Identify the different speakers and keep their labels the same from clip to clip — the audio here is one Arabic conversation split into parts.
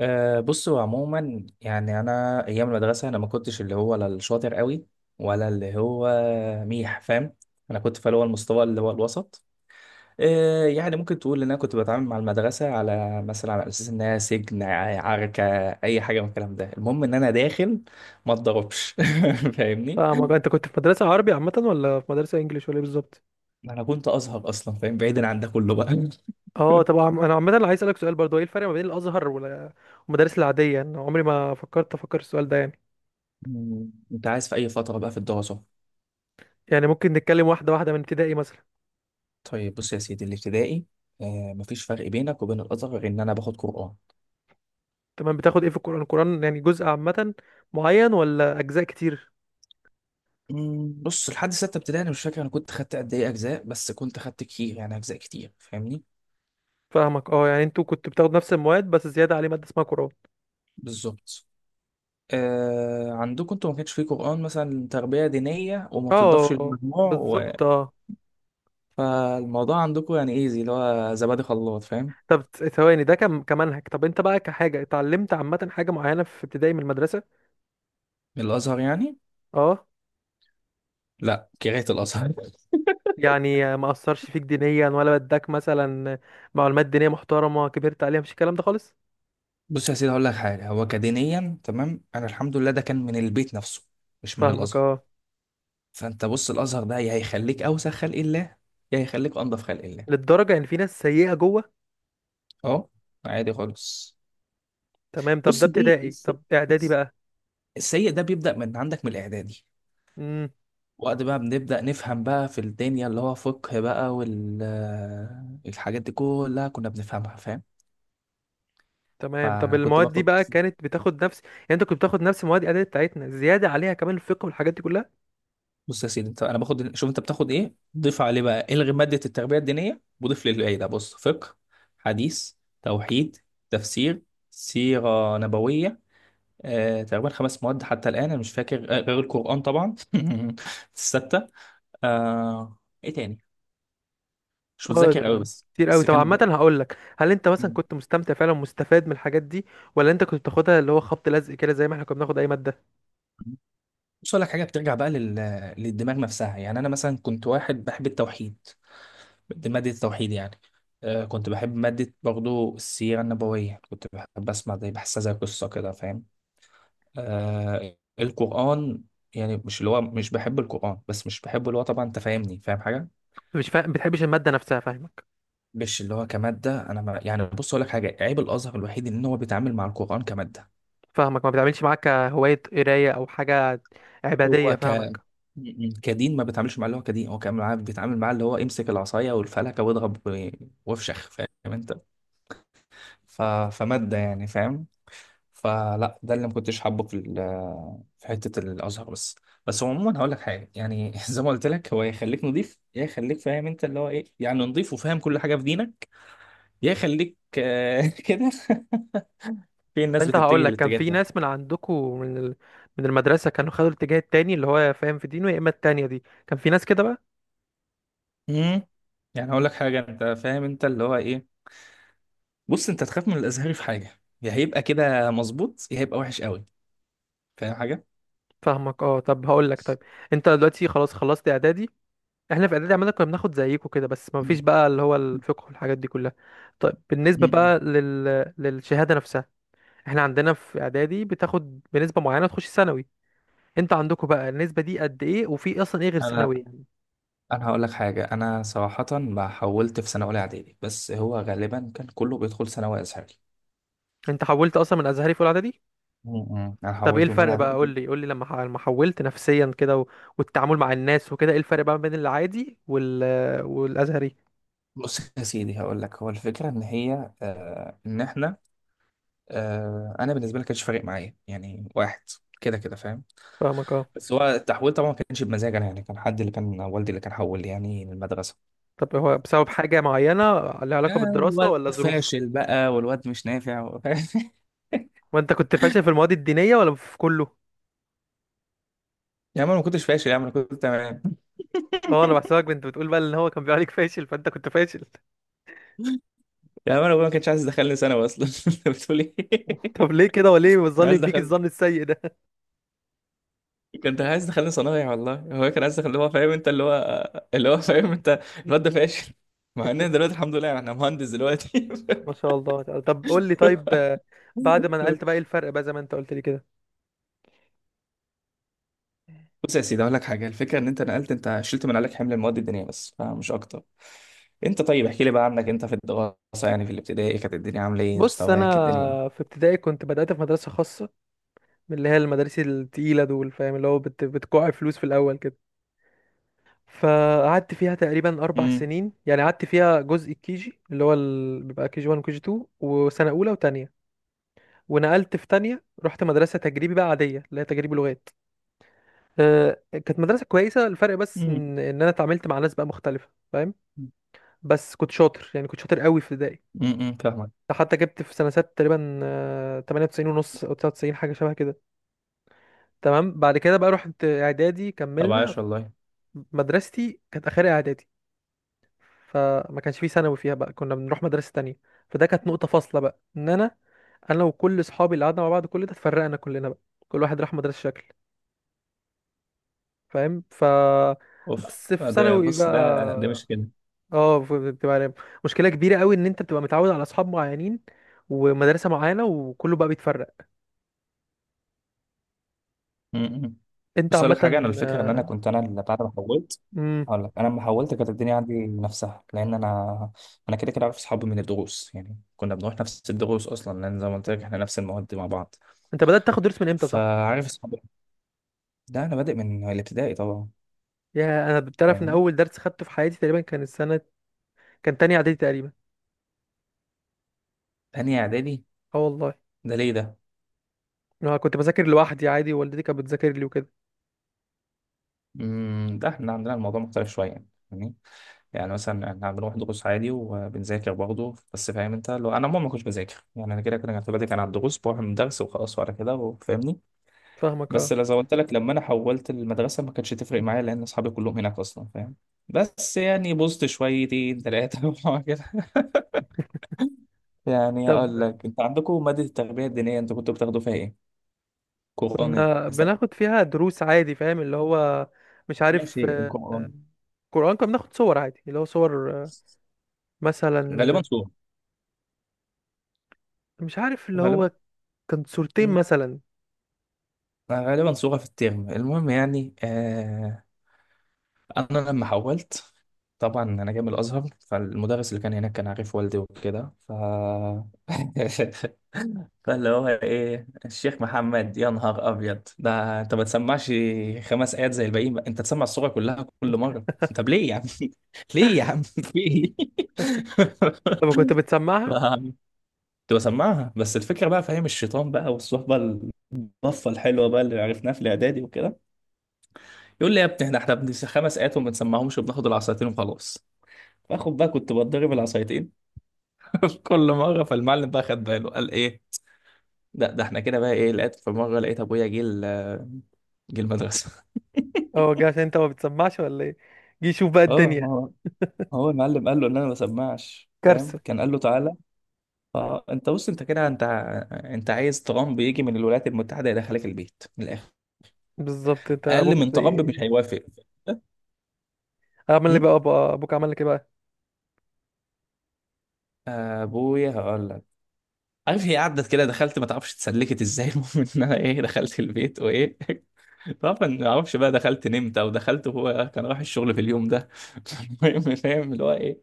Speaker 1: بص، هو عموما، يعني انا ايام المدرسه انا ما كنتش اللي هو لا الشاطر قوي، ولا اللي هو ميح، فاهم. انا كنت في اللي هو المستوى اللي هو الوسط. يعني ممكن تقول ان انا كنت بتعامل مع المدرسه على مثلا على اساس انها سجن، عركه، اي حاجه من الكلام ده. المهم ان انا داخل ما اتضربش. فاهمني.
Speaker 2: اه، ما انت كنت في مدرسة عربي عامة، ولا في مدرسة انجليش، ولا ايه بالظبط؟
Speaker 1: انا كنت ازهر اصلا، فاهم، بعيدا عن ده كله بقى.
Speaker 2: اه طبعا، انا عامة اللي عايز اسألك سؤال برضه، ايه الفرق ما بين الازهر والمدارس العادية؟ انا عمري ما فكرت افكر السؤال ده يعني.
Speaker 1: انت عايز في اي فتره بقى في الدراسه؟
Speaker 2: يعني ممكن نتكلم واحدة واحدة من ابتدائي مثلا.
Speaker 1: طيب، بص يا سيدي، الابتدائي، مفيش فرق بينك وبين الازهر غير ان انا باخد قران.
Speaker 2: تمام، بتاخد ايه في القرآن؟ القرآن يعني جزء عامة معين، ولا اجزاء كتير؟
Speaker 1: بص لحد سته ابتدائي انا مش فاكر انا كنت خدت قد ايه اجزاء، بس كنت خدت كتير، يعني اجزاء كتير، فاهمني.
Speaker 2: فاهمك، اه، يعني انتوا كنتوا بتاخدوا نفس المواد، بس زيادة عليه مادة اسمها قرآن.
Speaker 1: بالظبط. عندكم انتوا ما كانش فيه قران، مثلا تربيه دينيه وما بتضافش
Speaker 2: اه
Speaker 1: للمجموع،
Speaker 2: بالظبط، اه.
Speaker 1: فالموضوع عندكم يعني ايزي، اللي هو زبادي خلاط، فاهم.
Speaker 2: طب ثواني، ده كم كمنهج؟ طب انت بقى كحاجة اتعلمت عامة حاجة معينة في ابتدائي من المدرسة؟
Speaker 1: الازهر يعني.
Speaker 2: اه،
Speaker 1: لا، كرهت الازهر.
Speaker 2: يعني ما اثرش فيك دينيا، ولا بدك مثلا معلومات دينيه محترمه كبرت عليها، مفيش الكلام ده خالص؟
Speaker 1: بص يا سيدي هقول لك حاجه، هو كدينيا تمام، انا الحمد لله ده كان من البيت نفسه، مش من
Speaker 2: فاهمك
Speaker 1: الازهر.
Speaker 2: اه،
Speaker 1: فانت بص، الازهر ده يا هيخليك اوسخ خلق الله، يا هيخليك انضف خلق الله.
Speaker 2: للدرجه ان في ناس سيئه جوه؟
Speaker 1: اه، عادي خالص.
Speaker 2: تمام، طب ده
Speaker 1: بص دي
Speaker 2: ابتدائي، طب اعدادي
Speaker 1: الس-
Speaker 2: بقى؟
Speaker 1: السيء ده بيبدا من عندك من الاعدادي.
Speaker 2: امم.
Speaker 1: وقت بقى بنبدا نفهم بقى في الدنيا، اللي هو فقه بقى والحاجات دي كلها كنا بنفهمها، فاهم.
Speaker 2: تمام، طب
Speaker 1: فانا كنت
Speaker 2: المواد دي
Speaker 1: باخد،
Speaker 2: بقى كانت بتاخد نفس، يعني انت كنت بتاخد نفس مواد اعدادي بتاعتنا، زياده عليها كمان الفقه والحاجات دي كلها؟
Speaker 1: بص يا سيدي انت، انا باخد، شوف انت بتاخد ايه ضيف عليه بقى، الغي ماده التربيه الدينيه وضيف لي الباقي ده. بص، فقه، حديث، توحيد، تفسير، سيره نبويه، تقريبا خمس مواد. حتى الآن أنا مش فاكر، غير القرآن طبعا. الستة، آه، إيه تاني، مش
Speaker 2: اه،
Speaker 1: متذكر أوي،
Speaker 2: ده
Speaker 1: بس
Speaker 2: كتير قوي.
Speaker 1: بس
Speaker 2: طب
Speaker 1: كان.
Speaker 2: عامه هقول لك، هل انت مثلا
Speaker 1: مم.
Speaker 2: كنت مستمتع فعلا، مستفاد من الحاجات دي، ولا انت كنت بتاخدها اللي هو خبط لزق كده، زي ما احنا كنا بناخد اي ماده؟
Speaker 1: بص أقول لك حاجة، بترجع بقى للدماغ نفسها. يعني أنا مثلا كنت واحد بحب التوحيد، دي مادة التوحيد يعني. كنت بحب مادة برضو السيرة النبوية، كنت بحب أسمع، زي بحسها زي قصة كده، فاهم. القرآن يعني مش اللي هو، مش بحب القرآن، بس مش بحبه اللي هو، طبعا أنت فاهمني، فاهم حاجة.
Speaker 2: مش فاهم، بتحبش الماده نفسها، فاهمك.
Speaker 1: مش اللي هو كمادة، أنا ما يعني، بص أقول لك حاجة، عيب الأزهر الوحيد إن هو بيتعامل مع القرآن كمادة.
Speaker 2: فاهمك، ما بتعملش معاك هواية قراية او حاجة عبادية،
Speaker 1: هو ك م-
Speaker 2: فاهمك.
Speaker 1: م. كدين ما بيتعاملش مع اللي هو كدين، هو بيتعامل معاه اللي هو امسك العصاية والفلكة واضرب وافشخ، فاهم أنت. ف... فمادة يعني، فاهم. فلا، ده اللي ما كنتش حابه في حتة الأزهر بس. بس هو عموما هقول لك حاجة، يعني زي ما قلت لك، هو يخليك نضيف يا يخليك، فاهم أنت اللي هو إيه، يعني نضيف وفاهم كل حاجة في دينك، يا يخليك، كده، في
Speaker 2: طب
Speaker 1: الناس
Speaker 2: انت هقول
Speaker 1: بتتجه
Speaker 2: لك، كان
Speaker 1: للاتجاه
Speaker 2: في
Speaker 1: ده.
Speaker 2: ناس من عندكم من من المدرسة كانوا خدوا الاتجاه التاني اللي هو فاهم في دينه، يا اما التانية دي كان في ناس كده بقى؟
Speaker 1: امم. يعني هقول لك حاجه، انت فاهم انت اللي هو ايه، بص انت تخاف من الازهري في حاجه، يا هيبقى كده مظبوط يا هيبقى وحش قوي، فاهم حاجه.
Speaker 2: فاهمك اه، طب هقول لك، طيب، انت دلوقتي خلاص خلصت اعدادي. احنا في اعدادي عمالة كنا بناخد زيكم كده، بس ما
Speaker 1: مم.
Speaker 2: فيش بقى اللي هو الفقه والحاجات دي كلها. طيب بالنسبة
Speaker 1: مم.
Speaker 2: بقى للشهادة نفسها، احنا عندنا في اعدادي بتاخد بنسبة معينة تخش ثانوي، انت عندكم بقى النسبة دي قد ايه، وفي اصلا ايه غير
Speaker 1: انا
Speaker 2: ثانوي؟
Speaker 1: انا هقول لك حاجه، انا صراحه ما حولت في سنه اولى اعدادي، بس هو غالبا كان كله بيدخل ثانوي ازهري.
Speaker 2: انت حولت اصلا من ازهري في اولى اعدادي؟
Speaker 1: انا
Speaker 2: طب ايه
Speaker 1: حولت من اولى
Speaker 2: الفرق بقى،
Speaker 1: اعدادي.
Speaker 2: قول لي قول لي لما لما حولت نفسيا كده والتعامل مع الناس وكده، ايه الفرق بقى بين العادي والازهري؟
Speaker 1: بص يا سيدي هقول لك، هو الفكره ان هي، ان احنا، انا بالنسبه لي كانش فارق معايا، يعني واحد كده كده، فاهم.
Speaker 2: فاهمك اه،
Speaker 1: بس هو التحويل طبعا ما كانش بمزاج انا، يعني كان حد اللي كان والدي اللي كان حول لي يعني المدرسه.
Speaker 2: طب هو بسبب حاجة معينة لها
Speaker 1: يا
Speaker 2: علاقة بالدراسة،
Speaker 1: الواد
Speaker 2: ولا ظروف؟
Speaker 1: فاشل بقى والواد مش نافع
Speaker 2: وانت كنت فاشل في المواد الدينية، ولا في كله؟
Speaker 1: يا عم انا ما كنتش فاشل، يا عم انا كنت تمام.
Speaker 2: اه، انا بحسبك كنت بتقول بقى ان هو كان بيقول عليك فاشل، فانت كنت فاشل.
Speaker 1: يا عم انا أبويا ما كانش عايز يدخلني ثانوي اصلا، انت بتقول ايه.
Speaker 2: طب ليه كده؟ وليه
Speaker 1: كان
Speaker 2: بتظلم
Speaker 1: عايز
Speaker 2: بيك
Speaker 1: دخل،
Speaker 2: الظن السيء ده؟
Speaker 1: كنت عايز دخلني صنايع والله، هو كان عايز اللي هو فاهم انت، اللي هو اللي هو فاهم انت، الواد ده فاشل. مع ان أنا دلوقتي الحمد لله انا مهندس دلوقتي.
Speaker 2: ما شاء الله. طب قول لي، طيب، بعد ما نقلت بقى ايه الفرق بقى زي ما انت قلت لي كده؟
Speaker 1: بص يا سيدي اقول لك حاجه، الفكره ان انت نقلت انت شلت من عليك حمل المواد الدينيه بس، فمش اكتر. انت طيب احكي لي بقى عنك انت في الدراسه، يعني في الابتدائي كانت الدنيا عامله ايه،
Speaker 2: بص انا،
Speaker 1: مستواك الدنيا دي.
Speaker 2: في ابتدائي كنت بدأت في مدرسة خاصة، اللي هي المدارس التقيلة دول، فاهم، اللي هو بتكوع فلوس في الأول كده. فقعدت فيها تقريبا أربع
Speaker 1: امم.
Speaker 2: سنين، يعني قعدت فيها جزء الكيجي اللي هو بيبقى كيجي 1 وكيجي 2 وسنة أولى وتانية. ونقلت في تانية، رحت مدرسة تجريبي بقى عادية، اللي هي تجريبي لغات. أه كانت مدرسة كويسة، الفرق بس
Speaker 1: امم.
Speaker 2: إن أنا اتعاملت مع ناس بقى مختلفة، فاهم. بس كنت شاطر، يعني كنت شاطر قوي في ابتدائي.
Speaker 1: امم، فاهمك.
Speaker 2: حتى جبت في سنة ست تقريبا، 98 ونص أو 99، حاجة شبه كده. تمام، بعد كده بقى رحت إعدادي
Speaker 1: طب
Speaker 2: كملنا.
Speaker 1: عاش والله.
Speaker 2: مدرستي كانت اخرها اعدادي، فما كانش فيه ثانوي فيها، بقى كنا بنروح مدرسة تانية. فده كانت نقطة فاصلة بقى، ان انا وكل اصحابي اللي قعدنا مع بعض كل ده، اتفرقنا كلنا بقى، كل واحد راح مدرسة شكل، فاهم،
Speaker 1: اوف،
Speaker 2: بس في
Speaker 1: ده
Speaker 2: ثانوي
Speaker 1: بص ده، ده
Speaker 2: بقى،
Speaker 1: مش كده.
Speaker 2: اه بتبقى مشكلة كبيرة قوي، ان انت بتبقى متعود على اصحاب معينين ومدرسة معينة، وكله بقى بيتفرق.
Speaker 1: امم.
Speaker 2: انت
Speaker 1: بص اقول
Speaker 2: عامة،
Speaker 1: لك حاجه، انا الفكره ان انا
Speaker 2: آه،
Speaker 1: كنت، انا اللي بعد ما حولت
Speaker 2: مم.
Speaker 1: هقول لك، انا لما حولت كانت الدنيا عندي نفسها لان انا، انا كده كده عارف اصحابي من الدروس، يعني كنا بنروح نفس الدروس اصلا، لان زي ما قلت لك احنا نفس المواد مع بعض.
Speaker 2: انت بدأت تاخد درس من امتى، صح؟
Speaker 1: فعارف اصحابي، ده انا بادئ من الابتدائي طبعا.
Speaker 2: يا انا بتعرف ان
Speaker 1: فاهمني.
Speaker 2: اول درس خدته في حياتي تقريبا كان السنة، كان تاني اعدادي تقريبا.
Speaker 1: تانية اعدادي.
Speaker 2: اه والله.
Speaker 1: ده ليه ده؟
Speaker 2: اه كنت بذاكر لوحدي عادي، والدتي كانت بتذاكر لي وكده.
Speaker 1: امم، ده احنا عندنا الموضوع مختلف شويه، يعني فاهمني؟ يعني مثلا احنا بنروح دروس عادي وبنذاكر برضه، بس فاهم انت، لو انا عموما ما كنتش بذاكر، يعني انا كده كده كنت بادئ كان على الدروس، بروح من درس وخلاص وعلى كده، فاهمني.
Speaker 2: فاهمك
Speaker 1: بس
Speaker 2: اه.
Speaker 1: لو زي ما قلت لك لما انا حولت المدرسه ما كانتش تفرق معايا، لان اصحابي كلهم هناك اصلا، فاهم. بس يعني بوظت شويتين ثلاثه كده. يعني
Speaker 2: طب،
Speaker 1: اقول لك، انت عندكم ماده التربيه الدينيه انتوا كنتوا بتاخدوا فيها ايه؟ قران.
Speaker 2: كنا بناخد فيها دروس عادي، فاهم اللي هو، مش عارف،
Speaker 1: ماشي، القرآن.
Speaker 2: قرآن كنا بناخد صور عادي، اللي هو صور،
Speaker 1: غالبا
Speaker 2: مثلا،
Speaker 1: صورة،
Speaker 2: مش عارف اللي هو،
Speaker 1: غالبا.
Speaker 2: كان صورتين
Speaker 1: مم.
Speaker 2: مثلا.
Speaker 1: غالبا صورة في الترم، المهم يعني، أنا لما حولت طبعا أنا جاي من الأزهر، فالمدرس اللي كان هناك كان عارف والدي وكده، ف فاللي هو إيه، الشيخ محمد، يا نهار أبيض، ده أنت ما تسمعش خمس آيات زي الباقيين بقى. أنت تسمع الصورة كلها كل مرة. طب ليه يا عم، ليه يا عم في إيه.
Speaker 2: طب كنت
Speaker 1: ف-
Speaker 2: بتسمعها؟
Speaker 1: كنت بسمعها، بس الفكره بقى فاهم الشيطان بقى والصحبه الطفه الحلوه بقى اللي عرفناها في الاعدادي وكده، يقول لي يا ابني احنا خمس ايات وما بنسمعهمش وبناخد العصايتين وخلاص. باخد بقى كنت بتضرب العصايتين في كل مره. فالمعلم بقى خد باله، قال ايه لا، ده احنا كده بقى ايه، لقيت في مره لقيت ابويا جه المدرسه.
Speaker 2: اه جه عشان انت ما بتسمعش ولا ايه؟ جه شوف بقى
Speaker 1: اه
Speaker 2: الدنيا.
Speaker 1: ما هو، هو المعلم قال له ان انا ما بسمعش، فاهم،
Speaker 2: كارثة.
Speaker 1: كان قال له تعالى. اه، انت بص انت كده انت، انت عايز ترامب يجي من الولايات المتحده يدخلك البيت من الاخر،
Speaker 2: بالظبط، انت
Speaker 1: اقل
Speaker 2: ابوك
Speaker 1: من ترامب
Speaker 2: زي،
Speaker 1: مش هيوافق.
Speaker 2: عمل لي
Speaker 1: م?
Speaker 2: بقى ابوك عمل لك ايه بقى؟
Speaker 1: ابويا هقول لك، عارف هي قعدت كده دخلت ما تعرفش اتسلكت ازاي، المهم ان انا ايه دخلت البيت وايه. طبعا ما اعرفش بقى دخلت نمت او دخلت وهو كان رايح الشغل في اليوم ده. المهم فاهم اللي هو ايه،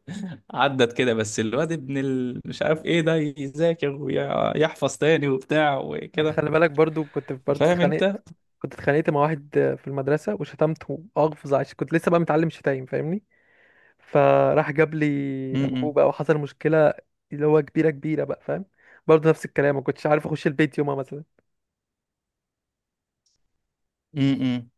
Speaker 1: عدت كده بس الواد ابن ال... مش عارف ايه ده، يذاكر ويحفظ تاني وبتاع
Speaker 2: انت
Speaker 1: وكده،
Speaker 2: خلي بالك، برضو كنت برضو
Speaker 1: فاهم
Speaker 2: اتخانقت،
Speaker 1: انت.
Speaker 2: كنت اتخانقت مع واحد في المدرسة، وشتمته أغفظ عشان كنت لسه بقى متعلم شتايم، فاهمني. فراح جاب لي أبوه
Speaker 1: امم.
Speaker 2: بقى، وحصل مشكلة اللي هو كبيرة كبيرة بقى، فاهم. برضو نفس الكلام، ما كنتش عارف أخش البيت يومها مثلا.
Speaker 1: امم.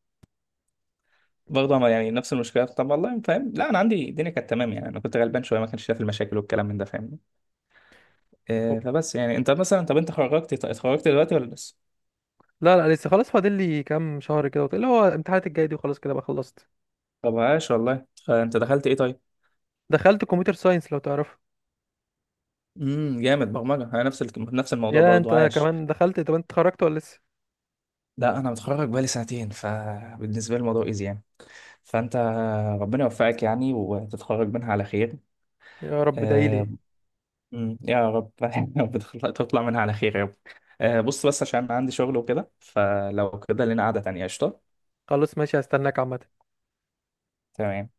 Speaker 1: برضه يعني نفس المشكله، طب والله فاهم، لا انا عندي الدنيا كانت تمام، يعني انا كنت غلبان شويه ما كانش شايف المشاكل والكلام من ده، فاهمني. فبس يعني انت مثلا طب انت خرجت اتخرجت دلوقتي ولا لسه؟
Speaker 2: لا لا، لسه، خلاص فاضل لي كام شهر كده، اللي هو الامتحانات الجاية دي، وخلاص كده بقى خلصت.
Speaker 1: طب عاش والله، انت دخلت ايه طيب؟
Speaker 2: دخلت كمبيوتر ساينس، لو تعرفه.
Speaker 1: امم، جامد برمجه، انا نفس نفس الموضوع
Speaker 2: يا
Speaker 1: برضو،
Speaker 2: انت
Speaker 1: عاش.
Speaker 2: كمان دخلت، طب انت اتخرجت ولا لسه؟
Speaker 1: لا، انا متخرج بقالي سنتين، فبالنسبه لي الموضوع ايزي يعني. فانت، ربنا يوفقك يعني وتتخرج منها على خير.
Speaker 2: يا رب ادعيلي.
Speaker 1: آه، يا رب، يا رب تطلع منها على خير يا رب. بص بس عشان عندي شغل وكده، فلو كده لنا قعده تانيه قشطه.
Speaker 2: خلاص ماشي، هستناك عامة.
Speaker 1: تمام.